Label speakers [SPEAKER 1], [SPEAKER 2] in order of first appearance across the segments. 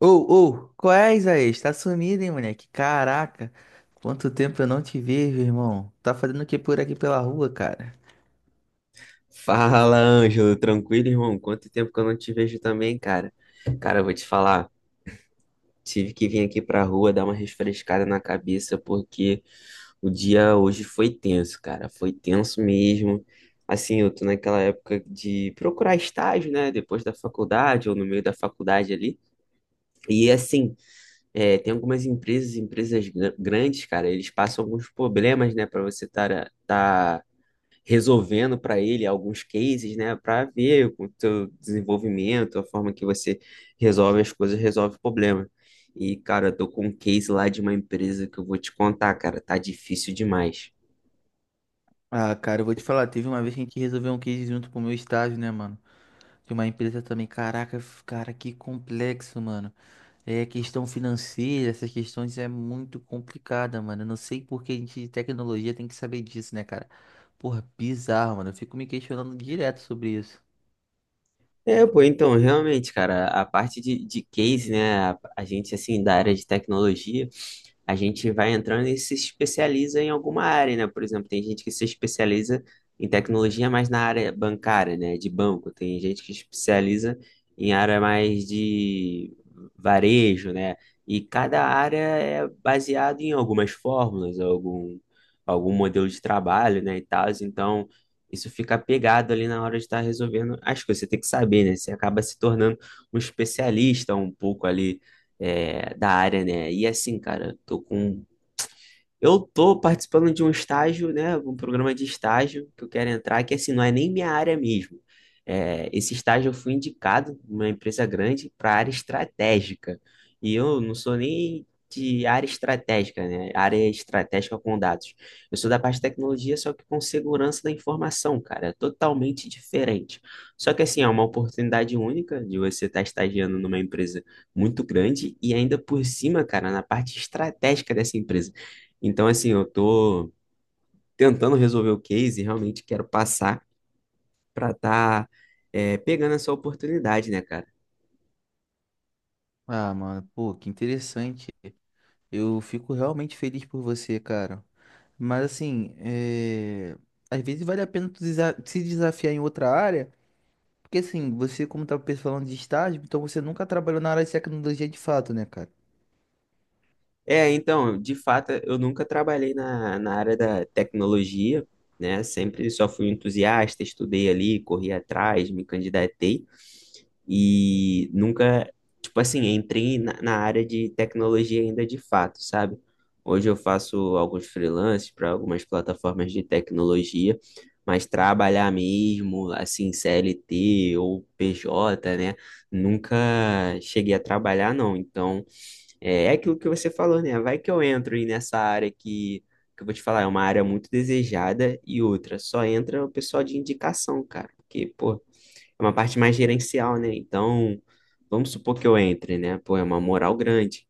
[SPEAKER 1] Ô, ô, qual é, Isaías? Tá sumido, hein, moleque? Caraca, quanto tempo eu não te vejo, irmão. Tá fazendo o que por aqui pela rua, cara?
[SPEAKER 2] Fala, Ângelo, tranquilo, irmão? Quanto tempo que eu não te vejo também, cara? Cara, eu vou te falar, tive que vir aqui pra rua dar uma refrescada na cabeça porque o dia hoje foi tenso, cara, foi tenso mesmo. Assim, eu tô naquela época de procurar estágio, né, depois da faculdade ou no meio da faculdade ali. E assim, tem algumas empresas, grandes, cara, eles passam alguns problemas, né, pra você estar resolvendo para ele alguns cases, né, para ver o teu desenvolvimento, a forma que você resolve as coisas, resolve o problema. E, cara, eu tô com um case lá de uma empresa que eu vou te contar, cara, tá difícil demais.
[SPEAKER 1] Ah, cara, eu vou te falar, teve uma vez que a gente resolveu um case junto pro meu estágio, né, mano? De uma empresa também. Caraca, cara, que complexo, mano. É, questão financeira, essas questões é muito complicada, mano. Eu não sei por que a gente de tecnologia tem que saber disso, né, cara? Porra, bizarro, mano. Eu fico me questionando direto sobre isso.
[SPEAKER 2] É, pô, então, realmente, cara, a parte de case, né, a gente, assim, da área de tecnologia, a gente vai entrando e se especializa em alguma área, né? Por exemplo, tem gente que se especializa em tecnologia mais na área bancária, né? De banco. Tem gente que se especializa em área mais de varejo, né? E cada área é baseado em algumas fórmulas, algum modelo de trabalho, né? E tal. Então, isso fica pegado ali na hora de estar resolvendo as coisas. Você tem que saber, né? Você acaba se tornando um especialista um pouco ali da área, né? E assim, cara, tô com eu tô participando de um estágio, né, um programa de estágio que eu quero entrar, que assim, não é nem minha área mesmo. É, esse estágio eu fui indicado numa empresa grande para área estratégica. E eu não sou nem de área estratégica, né? Área estratégica com dados. Eu sou da parte de tecnologia, só que com segurança da informação, cara. É totalmente diferente. Só que assim, é uma oportunidade única de você estar estagiando numa empresa muito grande e ainda por cima, cara, na parte estratégica dessa empresa. Então, assim, eu tô tentando resolver o case e realmente quero passar para tá, pegando essa oportunidade, né, cara?
[SPEAKER 1] Ah, mano, pô, que interessante. Eu fico realmente feliz por você, cara. Mas assim, é, às vezes vale a pena se desafiar em outra área, porque assim, você como tá falando de estágio, então você nunca trabalhou na área de tecnologia de fato, né, cara?
[SPEAKER 2] É, então, de fato, eu nunca trabalhei na área da tecnologia, né? Sempre só fui entusiasta, estudei ali, corri atrás, me candidatei. E nunca, tipo assim, entrei na área de tecnologia ainda de fato, sabe? Hoje eu faço alguns freelances para algumas plataformas de tecnologia, mas trabalhar mesmo, assim, CLT ou PJ, né? Nunca cheguei a trabalhar, não. Então, é aquilo que você falou, né? Vai que eu entro aí nessa área que eu vou te falar, é uma área muito desejada e outra, só entra o pessoal de indicação, cara. Porque, pô, é uma parte mais gerencial, né? Então, vamos supor que eu entre, né? Pô, é uma moral grande.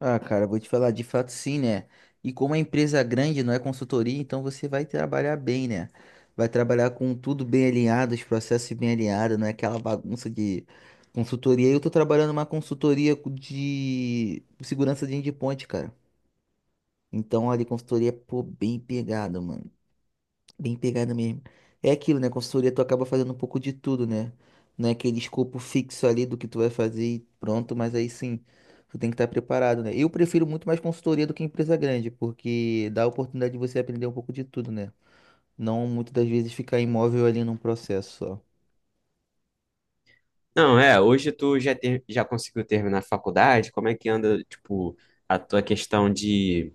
[SPEAKER 1] Ah, cara, eu vou te falar, de fato sim, né? E como é empresa é grande, não é consultoria, então você vai trabalhar bem, né? Vai trabalhar com tudo bem alinhado, os processos bem alinhados, não é aquela bagunça de consultoria. Eu tô trabalhando numa consultoria de segurança de endpoint, cara. Então, olha, consultoria, pô, bem pegada, mano. Bem pegada mesmo. É aquilo, né? Consultoria, tu acaba fazendo um pouco de tudo, né? Não é aquele escopo fixo ali do que tu vai fazer e pronto, mas aí sim, tu tem que estar preparado, né? Eu prefiro muito mais consultoria do que empresa grande, porque dá a oportunidade de você aprender um pouco de tudo, né? Não muitas das vezes ficar imóvel ali num processo só.
[SPEAKER 2] Não, é, hoje já conseguiu terminar a faculdade, como é que anda, tipo, a tua questão de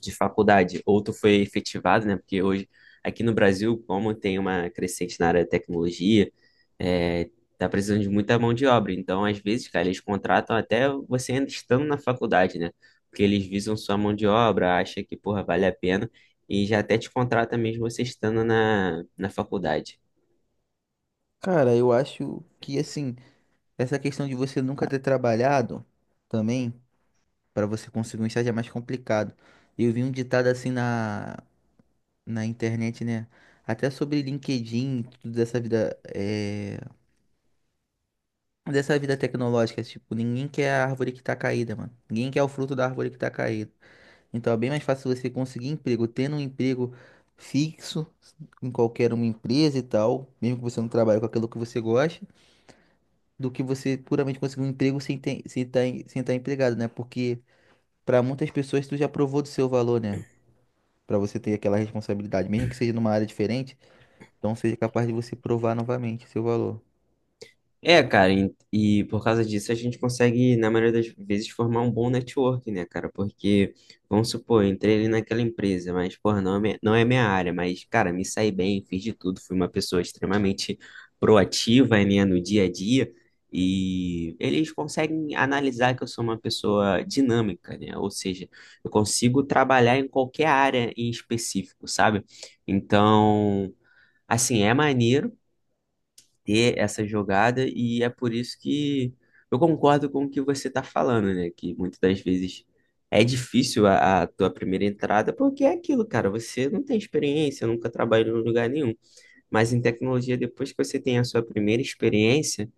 [SPEAKER 2] faculdade, ou tu foi efetivado, né? Porque hoje, aqui no Brasil, como tem uma crescente na área de tecnologia, é, tá precisando de muita mão de obra. Então, às vezes, cara, eles contratam até você ainda estando na faculdade, né? Porque eles visam sua mão de obra, acha que, porra, vale a pena, e já até te contrata mesmo você estando na faculdade.
[SPEAKER 1] Cara, eu acho que, assim, essa questão de você nunca ter trabalhado também, para você conseguir um estágio é mais complicado. Eu vi um ditado assim na internet, né? Até sobre LinkedIn, tudo dessa vida, é, dessa vida tecnológica, tipo, ninguém quer a árvore que tá caída, mano. Ninguém quer o fruto da árvore que tá caída. Então é bem mais fácil você conseguir emprego, tendo um emprego fixo em qualquer uma empresa e tal, mesmo que você não trabalhe com aquilo que você gosta, do que você puramente conseguir um emprego sem ter, sem tá empregado, né? Porque pra muitas pessoas tu já provou do seu valor, né? Pra você ter aquela responsabilidade, mesmo que seja numa área diferente. Então seja capaz de você provar novamente o seu valor.
[SPEAKER 2] É, cara, e por causa disso a gente consegue, na maioria das vezes, formar um bom network, né, cara? Porque, vamos supor, eu entrei ali naquela empresa, mas, porra, não é minha área, mas, cara, me saí bem, fiz de tudo, fui uma pessoa extremamente proativa, né, no dia a dia, e eles conseguem analisar que eu sou uma pessoa dinâmica, né? Ou seja, eu consigo trabalhar em qualquer área em específico, sabe? Então, assim, é maneiro ter essa jogada, e é por isso que eu concordo com o que você está falando, né? Que muitas das vezes é difícil a tua primeira entrada, porque é aquilo, cara, você não tem experiência, nunca trabalhou em lugar nenhum. Mas em tecnologia, depois que você tem a sua primeira experiência,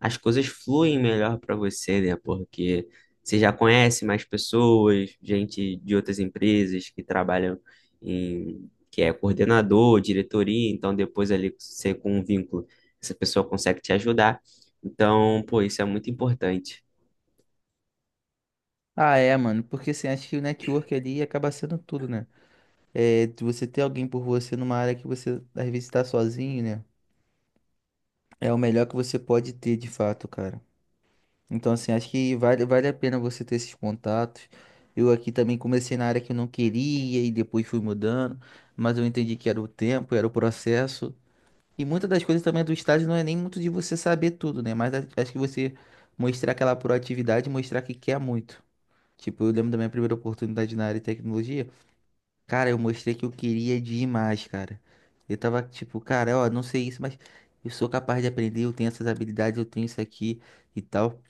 [SPEAKER 2] as coisas fluem melhor para você, né? Porque você já conhece mais pessoas, gente de outras empresas que trabalham que é coordenador, diretoria, então depois ali você com um vínculo, essa pessoa consegue te ajudar. Então, pô, isso é muito importante.
[SPEAKER 1] Ah, é, mano, porque assim, acho que o network ali acaba sendo tudo, né? É, de você ter alguém por você numa área que você às vezes tá sozinho, né? É o melhor que você pode ter de fato, cara. Então, assim, acho que vale a pena você ter esses contatos. Eu aqui também comecei na área que eu não queria e depois fui mudando, mas eu entendi que era o tempo, era o processo. E muitas das coisas também do estágio não é nem muito de você saber tudo, né? Mas acho que você mostrar aquela proatividade, mostrar que quer muito. Tipo, eu lembro da minha primeira oportunidade na área de tecnologia. Cara, eu mostrei que eu queria demais, cara. Eu tava tipo, cara, ó, não sei isso, mas eu sou capaz de aprender, eu tenho essas habilidades, eu tenho isso aqui e tal.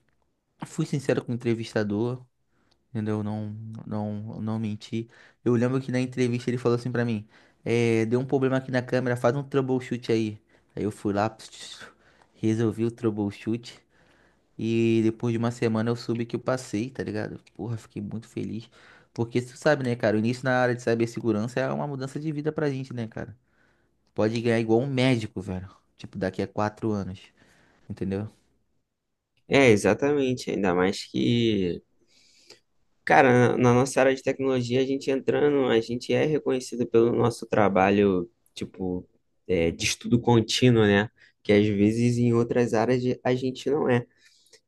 [SPEAKER 1] Fui sincero com o entrevistador, entendeu? Não, não, não menti. Eu lembro que na entrevista ele falou assim pra mim: é, deu um problema aqui na câmera, faz um troubleshoot aí. Aí eu fui lá, resolvi o troubleshoot. E depois de uma semana eu soube que eu passei, tá ligado? Porra, fiquei muito feliz. Porque tu sabe, né, cara? O início na área de cibersegurança é uma mudança de vida pra gente, né, cara? Pode ganhar igual um médico, velho. Tipo, daqui a quatro anos, entendeu?
[SPEAKER 2] É, exatamente, ainda mais que cara, na na nossa área de tecnologia, a gente entrando, a gente é reconhecido pelo nosso trabalho, tipo, é, de estudo contínuo, né? Que às vezes em outras áreas a gente não é.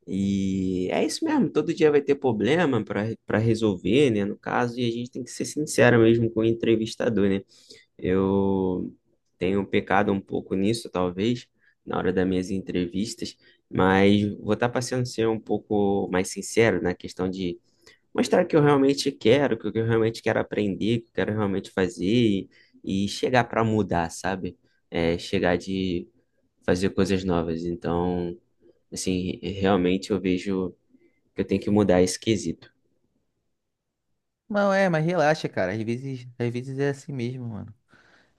[SPEAKER 2] E é isso mesmo, todo dia vai ter problema para resolver, né? No caso, e a gente tem que ser sincero mesmo com o entrevistador, né? Eu tenho pecado um pouco nisso, talvez, na hora das minhas entrevistas, mas vou estar passando a ser um pouco mais sincero na questão de mostrar o que eu realmente quero, o que eu realmente quero aprender, o que eu quero realmente fazer e chegar para mudar, sabe? É, chegar de fazer coisas novas. Então, assim, realmente eu vejo que eu tenho que mudar esse quesito.
[SPEAKER 1] Não, é, mas relaxa, cara. Às vezes é assim mesmo, mano.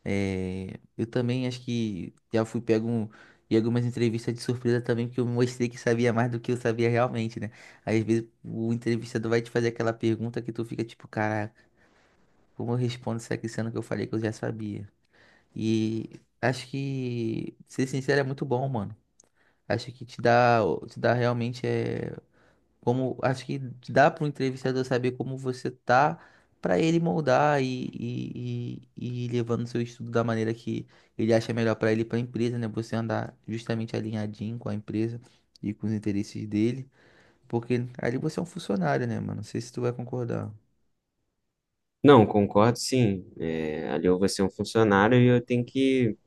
[SPEAKER 1] É, eu também acho que já fui pego em algumas entrevistas de surpresa também, porque eu mostrei que sabia mais do que eu sabia realmente, né? Às vezes o entrevistador vai te fazer aquela pergunta que tu fica tipo, cara, como eu respondo isso aqui, sendo que eu falei que eu já sabia. E acho que ser sincero é muito bom, mano. Acho que te dá realmente é como, acho que te dá para o entrevistador saber como você tá para ele moldar e ir levando seu estudo da maneira que ele acha melhor para ele, e para a empresa, né? Você andar justamente alinhadinho com a empresa e com os interesses dele, porque ali você é um funcionário, né, mano? Não sei se tu vai concordar.
[SPEAKER 2] Não, concordo sim. É, ali eu vou ser um funcionário e eu tenho que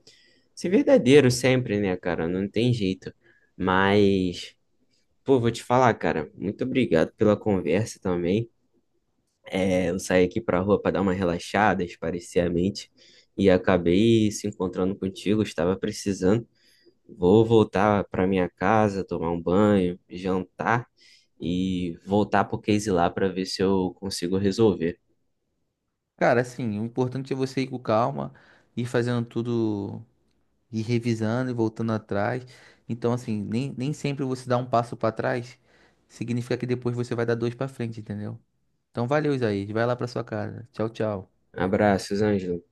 [SPEAKER 2] ser verdadeiro sempre, né, cara? Não tem jeito. Mas, pô, vou te falar, cara, muito obrigado pela conversa também. É, eu saí aqui para a rua para dar uma relaxada, esparecer a mente e acabei se encontrando contigo, estava precisando. Vou voltar para minha casa, tomar um banho, jantar e voltar pro case lá para ver se eu consigo resolver.
[SPEAKER 1] Cara, assim, o importante é você ir com calma, ir fazendo tudo, ir revisando e voltando atrás. Então, assim, nem sempre você dá um passo pra trás, significa que depois você vai dar dois pra frente, entendeu? Então, valeu, Isaías. Vai lá pra sua casa. Tchau, tchau.
[SPEAKER 2] Abraços, Ângelo.